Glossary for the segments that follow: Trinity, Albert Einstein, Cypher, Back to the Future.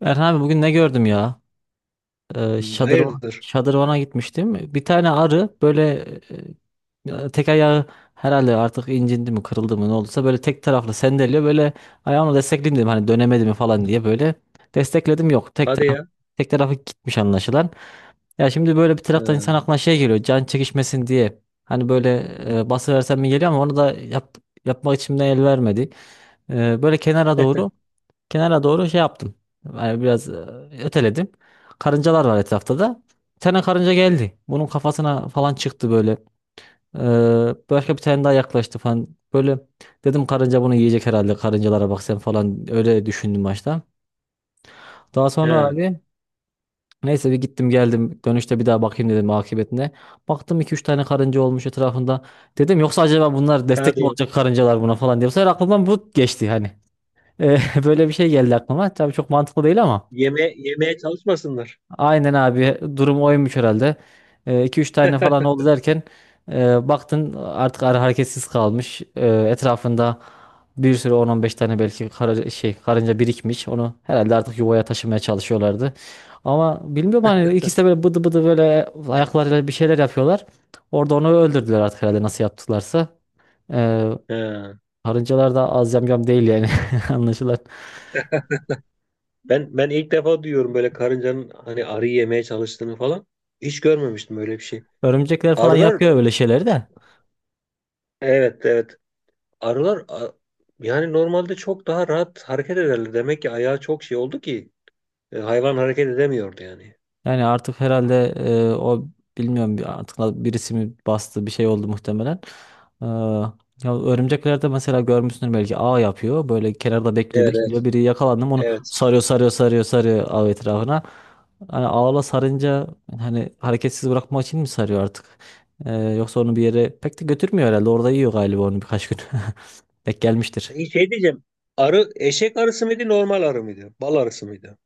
Erhan abi bugün ne gördüm ya? Hmm, hayırdır? Şadırvana gitmiştim. Bir tane arı böyle tek ayağı herhalde artık incindi mi kırıldı mı ne olduysa böyle tek taraflı sendeliyor. Böyle ayağımla destekleyeyim dedim hani dönemedi mi falan diye böyle destekledim yok. Hadi ya. Tek tarafı gitmiş anlaşılan. Ya şimdi böyle bir taraftan insan Ha, aklına şey geliyor can çekişmesin diye. Hani böyle bası versem mi geliyor ama onu da yapmak içimden el vermedi. Böyle kenara doğru. Kenara doğru şey yaptım. Yani biraz öteledim. Karıncalar var etrafta da. Bir tane karınca geldi. Bunun kafasına falan çıktı böyle. Ee, Başka bir tane daha yaklaştı falan. Böyle dedim karınca bunu yiyecek herhalde. Karıncalara bak sen falan öyle düşündüm başta. Daha sonra ha, abi neyse bir gittim geldim. Dönüşte bir daha bakayım dedim akıbetine. Baktım iki üç tane karınca olmuş etrafında. Dedim yoksa acaba bunlar destek hadi mi ya. olacak karıncalar buna falan diye. Bu sefer aklımdan bu geçti hani. Ee, Böyle bir şey geldi aklıma. Tabii çok mantıklı değil ama. Yeme, yemeye çalışmasınlar. Aynen abi durum oymuş herhalde. İki üç tane falan oldu derken baktın artık arı hareketsiz kalmış. E, etrafında bir sürü on on beş tane belki kara, şey karınca birikmiş. Onu herhalde artık yuvaya taşımaya çalışıyorlardı. Ama bilmiyorum hani ikisi de böyle bıdı bıdı böyle ayaklarıyla bir şeyler yapıyorlar. Orada onu öldürdüler artık herhalde nasıl yaptılarsa. E, Ha. Karıncalar da az yamyam değil yani anlaşılan. Ben ilk defa duyuyorum böyle karıncanın hani arıyı yemeye çalıştığını falan. Hiç görmemiştim öyle bir şey. Örümcekler falan Arılar, yapıyor böyle şeyleri de. evet, evet. Arılar yani normalde çok daha rahat hareket ederler. Demek ki ayağı çok şey oldu ki hayvan hareket edemiyordu yani. Yani artık herhalde o bilmiyorum birisi mi bastı bir şey oldu muhtemelen. Ee, Ya örümceklerde mesela görmüşsündür belki ağ yapıyor. Böyle kenarda Evet, evet. bekliyor. Biri yakalandı mı onu Evet. Sarıyor ağ etrafına. Hani ağla sarınca hani hareketsiz bırakmak için mi sarıyor artık? Yoksa onu bir yere pek de götürmüyor herhalde. Orada yiyor galiba onu birkaç gün. Denk gelmiştir. Peki şey diyeceğim. Arı eşek arısı mıydı, normal arı mıydı? Bal arısı mıydı?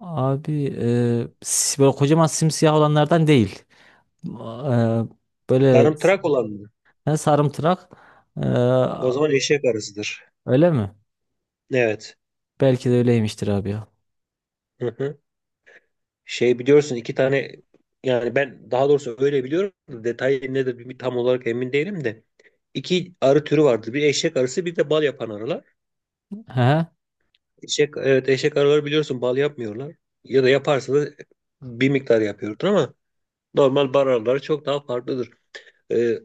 Abi böyle kocaman simsiyah olanlardan değil. Eee, Böyle Sarımtırak olan mı? he, sarımtırak. Ee, O zaman eşek arısıdır. Öyle mi? Evet. Belki de öyleymiştir abi ya. Hı hı. Şey biliyorsun, iki tane, yani ben daha doğrusu öyle biliyorum da detayı nedir bir tam olarak emin değilim de iki arı türü vardır. Bir eşek arısı, bir de bal yapan arılar. He. Eşek, evet, eşek arıları biliyorsun bal yapmıyorlar. Ya da yaparsa da bir miktar yapıyordur ama normal bal arıları çok daha farklıdır. Ee,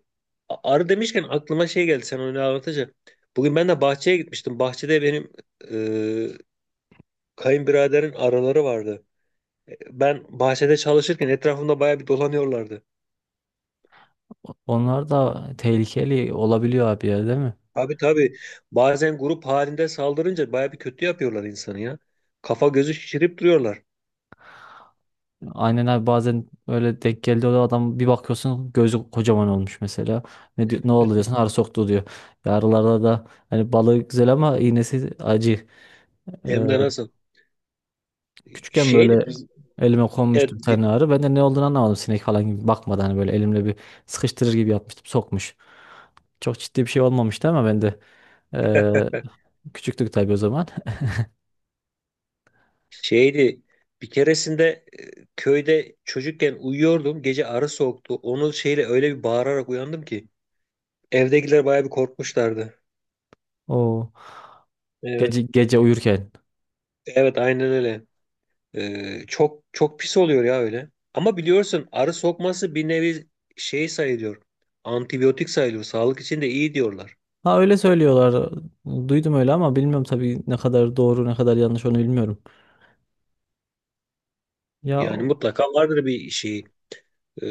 arı demişken aklıma şey geldi sen onu anlatınca. Bugün ben de bahçeye gitmiştim. Bahçede benim e, kayınbiraderin arıları vardı. Ben bahçede çalışırken etrafımda bayağı bir dolanıyorlardı. Onlar da tehlikeli olabiliyor abi ya değil mi? Tabii, tabii. Bazen grup halinde saldırınca baya bir kötü yapıyorlar insanı ya. Kafa gözü şişirip duruyorlar. Aynen abi bazen öyle denk geldi o adam bir bakıyorsun gözü kocaman olmuş mesela. Ne diyor, ne oldu diyorsun arı soktu diyor. Yarılarda da hani balığı güzel ama iğnesi acı. Ee, Hem de nasıl? Küçükken böyle Şeydi biz elime e, konmuştu bir di- tane arı. Ben de ne olduğunu anlamadım sinek falan gibi bakmadan hani böyle elimle bir sıkıştırır gibi yapmıştım sokmuş. Çok ciddi bir şey olmamıştı ama ben de eee, küçüktük tabii o zaman. şeydi bir keresinde köyde çocukken uyuyordum. Gece arı soktu. Onu şeyle öyle bir bağırarak uyandım ki evdekiler baya bir korkmuşlardı. O Evet. gece gece uyurken. Evet, aynen öyle. E, çok çok pis oluyor ya öyle. Ama biliyorsun arı sokması bir nevi şey sayılıyor. Antibiyotik sayılıyor. Sağlık için de iyi diyorlar. Ha öyle söylüyorlar. Duydum öyle ama bilmiyorum tabii ne kadar doğru ne kadar yanlış onu bilmiyorum. Ya, Yani mutlaka vardır bir şey. e,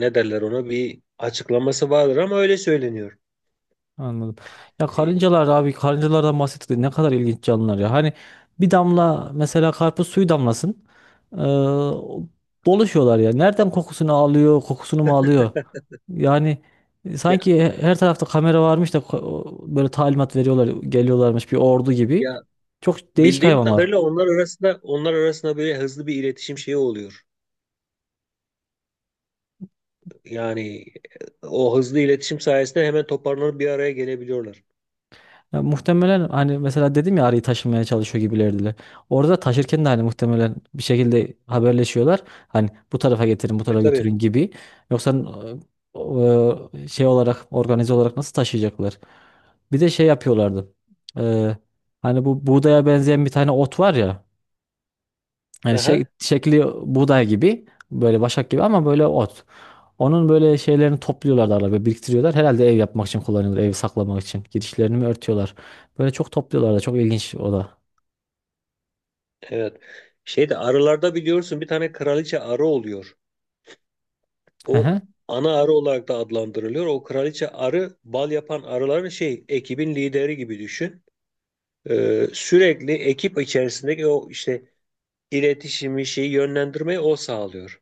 Ne derler ona, bir açıklaması vardır ama öyle söyleniyor. anladım. Ya E, karıncalar abi karıncalardan bahsettik de ne kadar ilginç canlılar ya. Hani bir damla mesela karpuz suyu damlasın. Ee, Dolaşıyorlar ya. Nereden kokusunu alıyor, kokusunu mu alıyor? Yani ya, sanki her tarafta kamera varmış da böyle talimat veriyorlar, geliyorlarmış bir ordu gibi. ya, Çok değişik bildiğim hayvanlar. kadarıyla onlar arasında böyle hızlı bir iletişim şeyi oluyor. Yani o hızlı iletişim sayesinde hemen toparlanıp bir araya gelebiliyorlar. Ya muhtemelen hani mesela dedim ya arıyı taşımaya çalışıyor gibilerdiler. Orada taşırken de hani muhtemelen bir şekilde haberleşiyorlar. Hani bu tarafa getirin, bu Tabii, tarafa tabii. götürün gibi. Yoksa şey olarak organize olarak nasıl taşıyacaklar? Bir de şey yapıyorlardı. E, Hani bu buğdaya benzeyen bir tane ot var ya. Yani Aha, şekli buğday gibi böyle başak gibi ama böyle ot. Onun böyle şeylerini topluyorlar da arada biriktiriyorlar. Herhalde ev yapmak için kullanıyorlar. Evi saklamak için. Girişlerini mi örtüyorlar? Böyle çok topluyorlar da çok ilginç o da. evet. Şeyde arılarda biliyorsun bir tane kraliçe arı oluyor. Hı O hı. ana arı olarak da adlandırılıyor. O kraliçe arı bal yapan arıların şey, ekibin lideri gibi düşün. Sürekli ekip içerisindeki o işte iletişimi şeyi yönlendirmeyi o sağlıyor.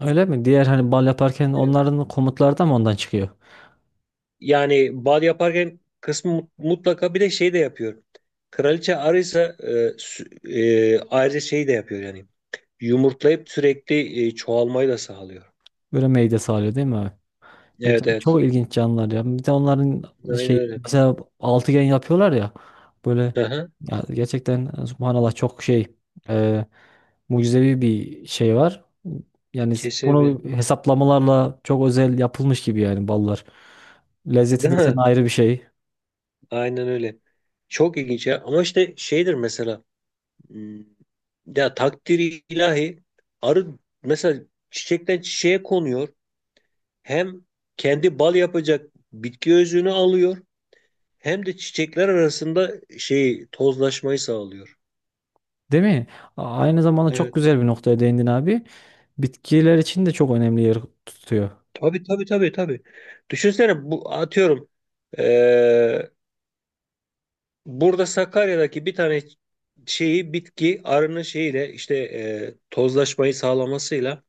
Öyle mi? Diğer hani bal yaparken Evet. onların komutları da mı ondan çıkıyor? Yani bal yaparken kısmı mutlaka bir de şey de yapıyor. Kraliçe arıysa sü- ayrıca şey de yapıyor yani. Yumurtlayıp sürekli çoğalmayı da sağlıyor. Böyle meyde sağlıyor değil mi abi? Evet, Evet, evet. çok ilginç canlılar ya. Bir de onların Aynen şey öyle. mesela altıgen yapıyorlar ya. Böyle Aha, ya gerçekten subhanallah çok şey. Mucizevi bir şey var. Yani kesinlikle. bunu hesaplamalarla çok özel yapılmış gibi yani ballar. Lezzeti Değil desen mi? ayrı bir şey. Aynen öyle. Çok ilginç ya. Ama işte şeydir mesela. Hmm, ya takdiri ilahi, arı mesela çiçekten çiçeğe konuyor. Hem kendi bal yapacak bitki özünü alıyor, hem de çiçekler arasında şey, tozlaşmayı sağlıyor. Değil mi? A- aynı zamanda çok Evet. güzel bir noktaya değindin abi. Bitkiler için de çok önemli yer tutuyor. Tabii, tabii, tabii, tabii. Düşünsene bu, atıyorum, eee, burada Sakarya'daki bir tane şeyi, bitki arının şeyiyle, işte tozlaşmayı sağlamasıyla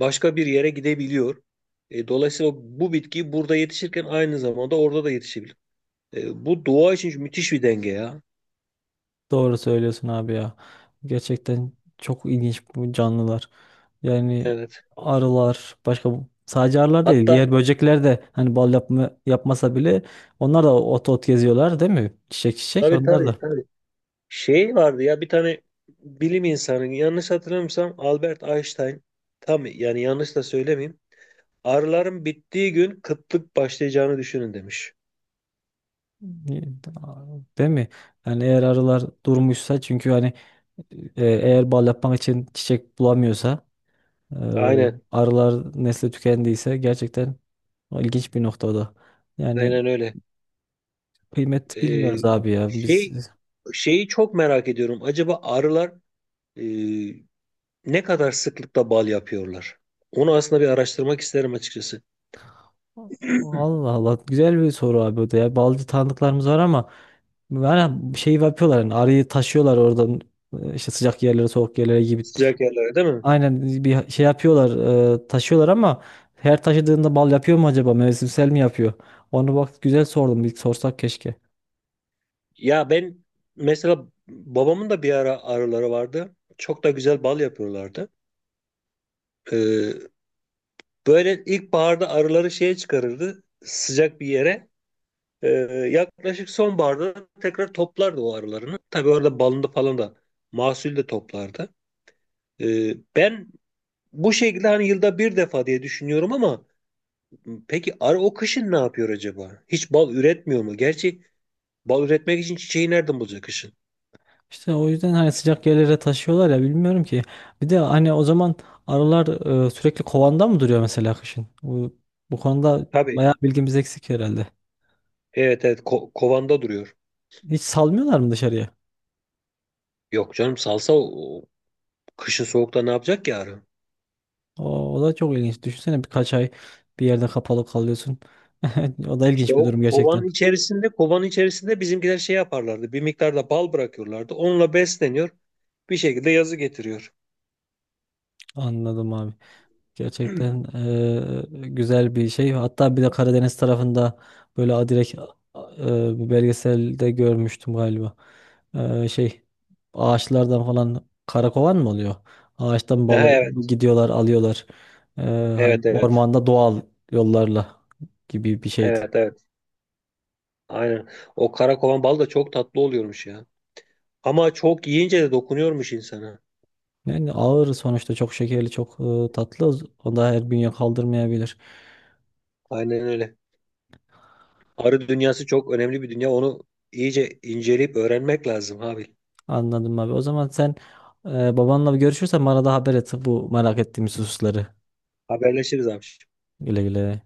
başka bir yere gidebiliyor. E, dolayısıyla bu bitki burada yetişirken aynı zamanda orada da yetişebilir. E, bu doğa için müthiş bir denge ya. Doğru söylüyorsun abi ya. Gerçekten çok ilginç bu canlılar. Yani Evet. arılar başka sadece arılar değil Hatta diğer böcekler de hani bal yapmasa bile onlar da ot ot geziyorlar değil mi? Çiçek çiçek tabii, onlar tabii, da. tabii. Şey vardı ya, bir tane bilim insanı, yanlış hatırlamıyorsam Albert Einstein, tam yani yanlış da söylemeyeyim. Arıların bittiği gün kıtlık başlayacağını düşünün demiş. Değil mi? Yani eğer arılar durmuşsa çünkü hani eğer bal yapmak için çiçek bulamıyorsa e, Aynen. arılar nesli tükendiyse gerçekten o ilginç bir noktada. Yani Aynen öyle. kıymet E, bilmiyoruz abi ya. Biz şey, şeyi çok merak ediyorum. Acaba arılar e, ne kadar sıklıkla bal yapıyorlar? Onu aslında bir araştırmak isterim açıkçası. Allah Allah güzel bir soru abi o da ya. Balcı tanıdıklarımız var ama yani şey yapıyorlar yani arıyı taşıyorlar oradan işte sıcak yerlere soğuk yerlere gibi. Sıcak yerlere değil mi? Aynen bir şey yapıyorlar taşıyorlar ama her taşıdığında bal yapıyor mu acaba mevsimsel mi yapıyor? Onu bak güzel sordum bir sorsak keşke. Ya ben, mesela babamın da bir ara arıları vardı. Çok da güzel bal yapıyorlardı. Ee, Böyle ilkbaharda arıları şeye çıkarırdı, sıcak bir yere. Ee, Yaklaşık sonbaharda tekrar toplardı o arılarını. Tabii orada balını falan da, mahsul de toplardı. Ben bu şekilde hani yılda bir defa diye düşünüyorum ama peki arı o kışın ne yapıyor acaba? Hiç bal üretmiyor mu? Gerçi bal üretmek için çiçeği nereden bulacak kışın? İşte o yüzden hani sıcak yerlere taşıyorlar ya bilmiyorum ki. Bir de hani o zaman arılar sürekli kovanda mı duruyor mesela kışın? Bu konuda Tabii. bayağı bilgimiz eksik herhalde. Evet, evet, kovanda duruyor. Hiç salmıyorlar mı dışarıya? Yok canım, salsa o, o kışın soğukta ne yapacak ki arı? O da çok ilginç. Düşünsene birkaç ay bir yerde kapalı kalıyorsun. O da İşte ilginç bir o durum kovanın gerçekten. içerisinde bizimkiler şey yaparlardı. Bir miktar da bal bırakıyorlardı. Onunla besleniyor. Bir şekilde yazı getiriyor. Anladım abi. Gerçekten güzel bir şey. Hatta bir de Karadeniz tarafında böyle adirek bir belgeselde görmüştüm galiba. Şey ağaçlardan falan karakovan mı oluyor? Ağaçtan Ha, balık evet. gidiyorlar alıyorlar. Eee, Hani Evet, evet. ormanda doğal yollarla gibi bir şeydi. Evet, evet. Aynen. O kara kovan bal da çok tatlı oluyormuş ya. Ama çok yiyince de dokunuyormuş insana. Yani ağır sonuçta çok şekerli çok tatlı o da her bünye kaldırmayabilir. Aynen öyle. Arı dünyası çok önemli bir dünya. Onu iyice inceleyip öğrenmek lazım abi. Anladım abi. O zaman sen babanla bir görüşürsen bana da haber et bu merak ettiğimiz hususları. Haberleşiriz abi. Güle güle.